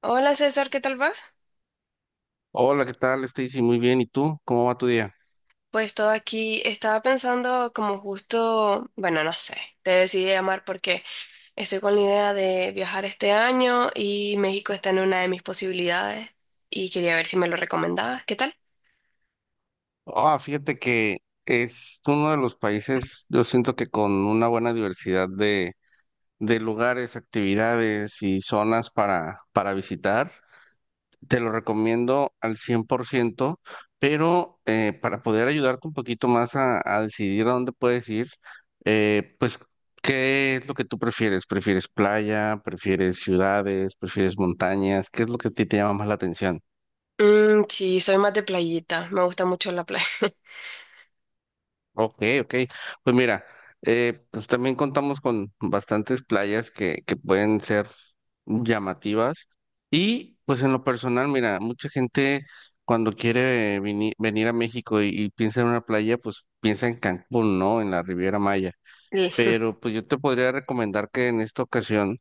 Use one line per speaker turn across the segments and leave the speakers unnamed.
Hola César, ¿qué tal vas?
Hola, ¿qué tal, Stacy? Muy bien. ¿Y tú? ¿Cómo va tu día?
Pues todo aquí estaba pensando como justo, bueno, no sé, te decidí llamar porque estoy con la idea de viajar este año y México está en una de mis posibilidades y quería ver si me lo recomendabas, ¿qué tal?
Ah, fíjate que es uno de los países, yo siento que con una buena diversidad de lugares, actividades y zonas para visitar. Te lo recomiendo al 100%. Pero para poder ayudarte un poquito más a decidir a dónde puedes ir, eh, pues, ¿qué es lo que tú prefieres? ¿Prefieres playa? ¿Prefieres ciudades? ¿Prefieres montañas? ¿Qué es lo que a ti te llama más la atención?
Sí, soy más de playita, me gusta mucho la playa.
Ok, ok. Pues mira, pues también contamos con bastantes playas que pueden ser llamativas. Y pues en lo personal, mira, mucha gente cuando quiere venir a México y piensa en una playa, pues piensa en Cancún, ¿no? En la Riviera Maya.
Sí,
Pero pues yo te podría recomendar que en esta ocasión,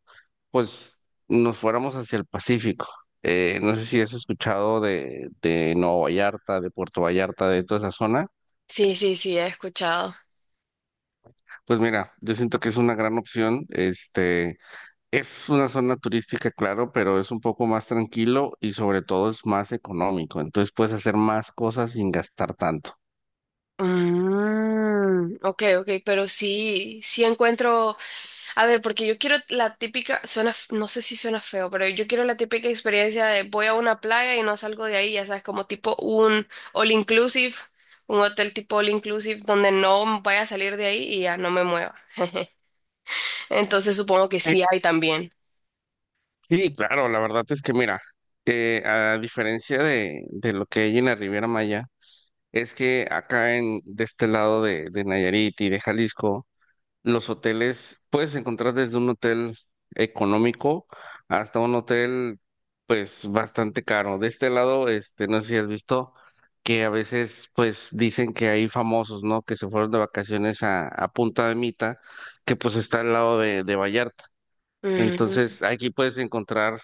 pues nos fuéramos hacia el Pacífico. No sé si has escuchado de Nueva Vallarta, de Puerto Vallarta, de toda esa zona.
sí, sí, he escuchado.
Pues mira, yo siento que es una gran opción. Este, es una zona turística, claro, pero es un poco más tranquilo y sobre todo es más económico. Entonces puedes hacer más cosas sin gastar tanto.
Ok, ok, pero sí, sí encuentro. A ver, porque yo quiero la típica, suena, no sé si suena feo, pero yo quiero la típica experiencia de voy a una playa y no salgo de ahí, ya sabes, como tipo un all inclusive, un hotel tipo all inclusive donde no vaya a salir de ahí y ya no me mueva. Entonces supongo que
Eh,
sí hay también.
Sí, claro, la verdad es que mira, a diferencia de lo que hay en la Riviera Maya, es que acá en de este lado de Nayarit y de Jalisco. Los hoteles, puedes encontrar desde un hotel económico hasta un hotel, pues, bastante caro. De este lado, este, no sé si has visto que a veces, pues, dicen que hay famosos, ¿no? Que se fueron de vacaciones a Punta de Mita, que pues está al lado de Vallarta.
Ujú.
Entonces, aquí puedes encontrar,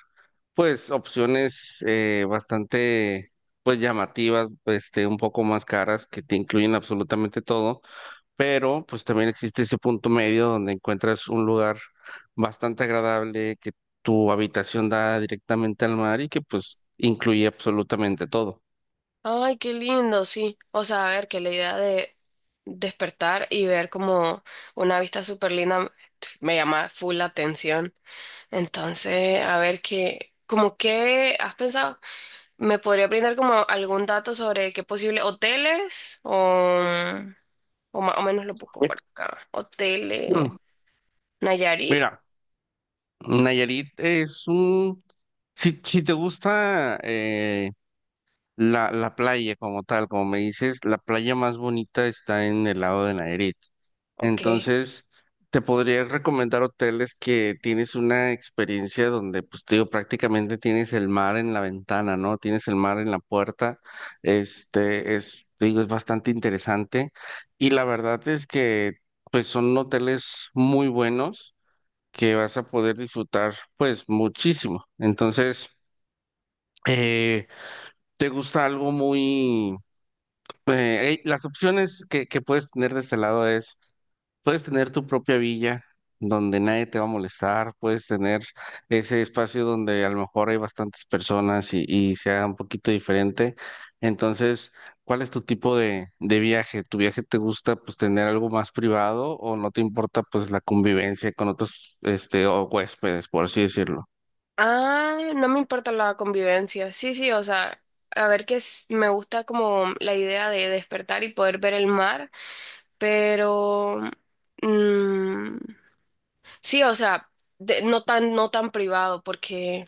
pues, opciones bastante, pues, llamativas, este, un poco más caras, que te incluyen absolutamente todo. Pero pues también existe ese punto medio donde encuentras un lugar bastante agradable, que tu habitación da directamente al mar y que pues incluye absolutamente todo.
Ay, qué lindo, sí. O sea, a ver, que la idea de despertar y ver como una vista súper linda me llama full la atención. Entonces, a ver qué, como qué has pensado, ¿me podría brindar como algún dato sobre qué posible hoteles o más o menos lo busco por acá? Hoteles
Mm.
Nayarit,
Mira, Nayarit es un... Si, si te gusta... la playa como tal, como me dices, la playa más bonita está en el lado de Nayarit.
ok.
Entonces, te podría recomendar hoteles que tienes una experiencia donde, pues, te digo, prácticamente tienes el mar en la ventana, ¿no? Tienes el mar en la puerta. Este es, te digo, es bastante interesante. Y la verdad es que, pues, son hoteles muy buenos que vas a poder disfrutar, pues, muchísimo. Entonces, eh, ¿te gusta algo muy... las opciones que puedes tener de este lado es, puedes tener tu propia villa donde nadie te va a molestar, puedes tener ese espacio donde a lo mejor hay bastantes personas y sea un poquito diferente. Entonces, ¿cuál es tu tipo de viaje? ¿Tu viaje te gusta pues tener algo más privado o no te importa pues la convivencia con otros este o huéspedes, por así decirlo?
Ah, no me importa la convivencia. Sí, sí, o sea, a ver que me gusta como la idea de despertar y poder ver el mar, pero mm, sí, o sea, no tan, no tan privado, porque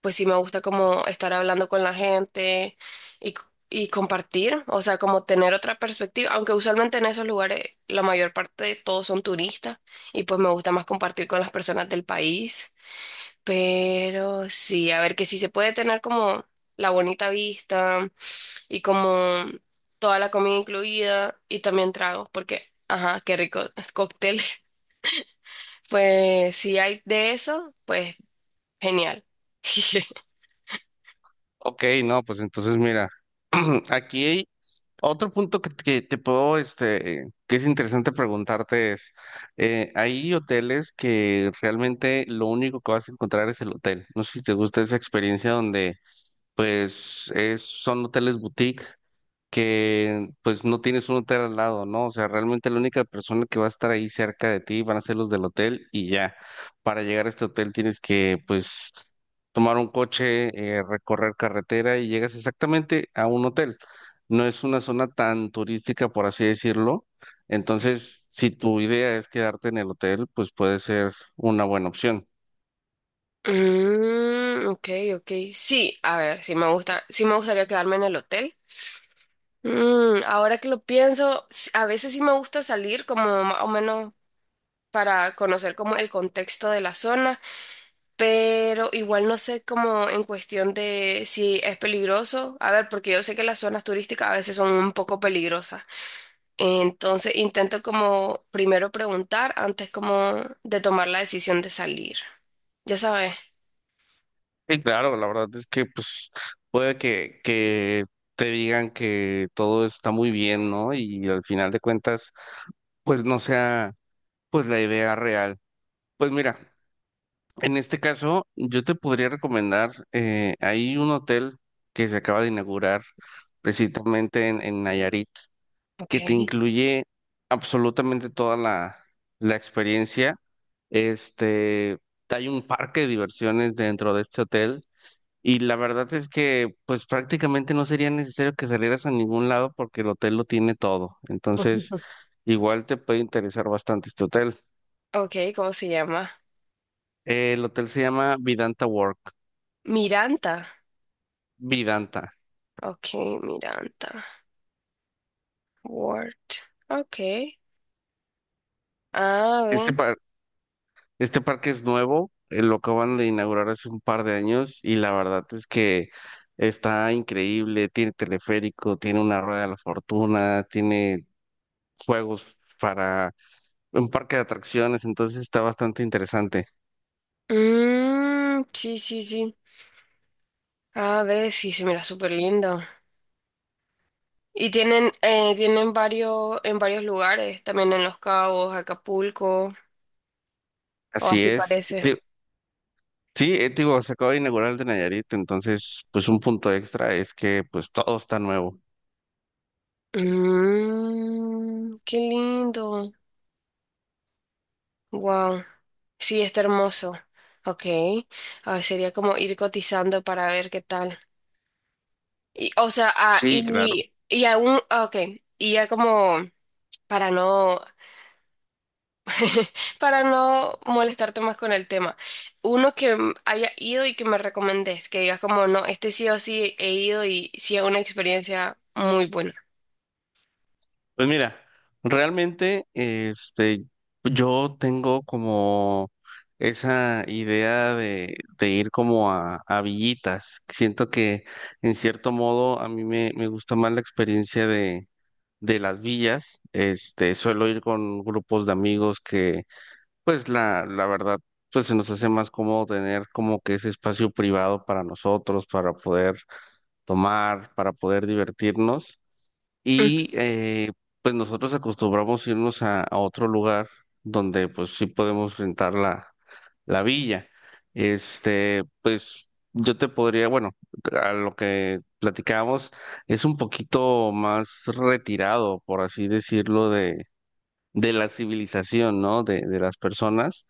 pues sí me gusta como estar hablando con la gente y, c- y compartir, o sea, como tener otra perspectiva, aunque usualmente en esos lugares la mayor parte de todos son turistas y pues me gusta más compartir con las personas del país, pero sí, a ver que sí se puede tener como la bonita vista y como toda la comida incluida y también tragos, porque, ajá, qué rico, cócteles. Pues si hay de eso, pues genial.
Ok, no, pues entonces mira. Aquí hay otro punto que te puedo, este, que es interesante preguntarte es, hay hoteles que realmente lo único que vas a encontrar es el hotel. No sé si te gusta esa experiencia donde, pues, es, son hoteles boutique que pues no tienes un hotel al lado, ¿no? O sea, realmente la única persona que va a estar ahí cerca de ti van a ser los del hotel y ya. Para llegar a este hotel tienes que pues tomar un coche, recorrer carretera y llegas exactamente a un hotel. No es una zona tan turística, por así decirlo. Entonces, si tu idea es quedarte en el hotel, pues puede ser una buena opción.
Ok, ok. Sí, a ver, sí me gusta, sí me gustaría quedarme en el hotel. Ahora que lo pienso, a veces sí me gusta salir como más o menos para conocer como el contexto de la zona, pero igual no sé como en cuestión de si es peligroso. A ver, porque yo sé que las zonas turísticas a veces son un poco peligrosas. Entonces intento como primero preguntar antes como de tomar la decisión de salir. Ya sabes.
Sí, claro, la verdad es que pues puede que te digan que todo está muy bien, ¿no? Y al final de cuentas, pues no sea pues la idea real. Pues mira, en este caso yo te podría recomendar, hay un hotel que se acaba de inaugurar precisamente en Nayarit, que te
Okay.
incluye absolutamente toda la experiencia. Este, hay un parque de diversiones dentro de este hotel y la verdad es que pues prácticamente no sería necesario que salieras a ningún lado porque el hotel lo tiene todo. Entonces, igual te puede interesar bastante este hotel.
Ok, ¿cómo se llama?
El hotel se llama Vidanta Work.
Miranda.
Vidanta.
Ok, Miranda. Word. Ok. A ver.
Este par- este parque es nuevo, lo acaban de inaugurar hace un par de años y la verdad es que está increíble. Tiene teleférico, tiene una rueda de la fortuna, tiene juegos para un parque de atracciones, entonces está bastante interesante.
Sí, sí, sí. A ver, sí, se mira súper lindo. Y tienen, tienen varios, en varios lugares, también en Los Cabos, Acapulco, o
Así
así
es.
parece.
Sí, digo, se acaba de inaugurar el de Nayarit, entonces, pues un punto extra es que pues todo está nuevo.
Mmm, qué lindo. Wow. Sí, está hermoso. Ok. Ah, sería como ir cotizando para ver qué tal. Y, o sea, ah,
Sí, claro.
y aún, ah, ok, y ya como para no, para no molestarte más con el tema, uno que haya ido y que me recomendés, que digas como, no, este sí o sí he ido y sí es una experiencia muy buena.
Pues mira, realmente, este, yo tengo como esa idea de ir como a villitas. Siento que en cierto modo a mí me gusta más la experiencia de las villas. Este, suelo ir con grupos de amigos que pues la verdad, pues se nos hace más cómodo tener como que ese espacio privado para nosotros, para poder tomar, para poder divertirnos.
Mm,
Y pues nosotros acostumbramos irnos a otro lugar donde pues sí podemos rentar la villa. Este, pues yo te podría, bueno, a lo que platicábamos, es un poquito más retirado, por así decirlo, de la civilización, ¿no? De las personas.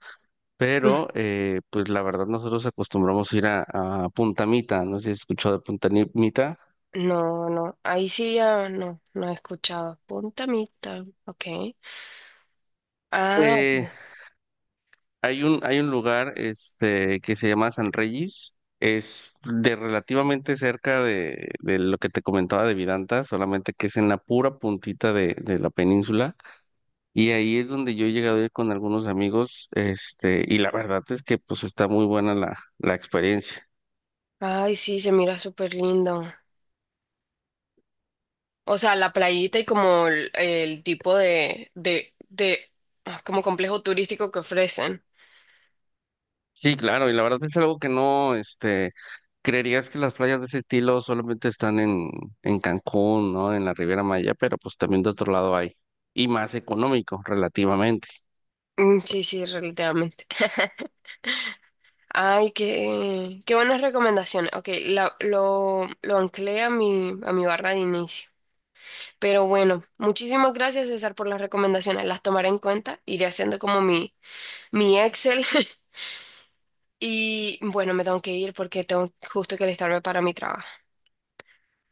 mm.
Pero, pues la verdad, nosotros acostumbramos ir a Punta Mita, no sé si has escuchado de Punta Ni- Mita.
No, no, ahí sí ya no, no he escuchado. Punta Mita, ok. Ah,
Eh,
ok.
Hay un, hay un lugar este, que se llama San Reyes, es de relativamente cerca de lo que te comentaba de Vidanta, solamente que es en la pura puntita de la península. Y ahí es donde yo he llegado a ir con algunos amigos, este, y la verdad es que pues está muy buena la experiencia.
Ay, sí, se mira súper lindo. O sea, la playita y como el tipo de, ah, como complejo turístico que ofrecen.
Sí, claro, y la verdad es algo que no, este... Creerías que las playas de ese estilo solamente están en Cancún, ¿no? En la Riviera Maya, pero pues también de otro lado hay. Y más económico, relativamente.
Mm, sí, sí, relativamente. Ay, qué, qué buenas recomendaciones. Ok, lo anclé a mi barra de inicio. Pero bueno, muchísimas gracias, César, por las recomendaciones. Las tomaré en cuenta. Iré haciendo como mi Excel. Y bueno, me tengo que ir porque tengo justo que alistarme para mi trabajo.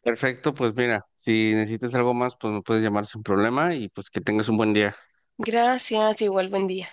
Perfecto, pues mira, si necesitas algo más, pues me puedes llamar sin problema y pues que tengas un buen día.
Gracias, igual buen día.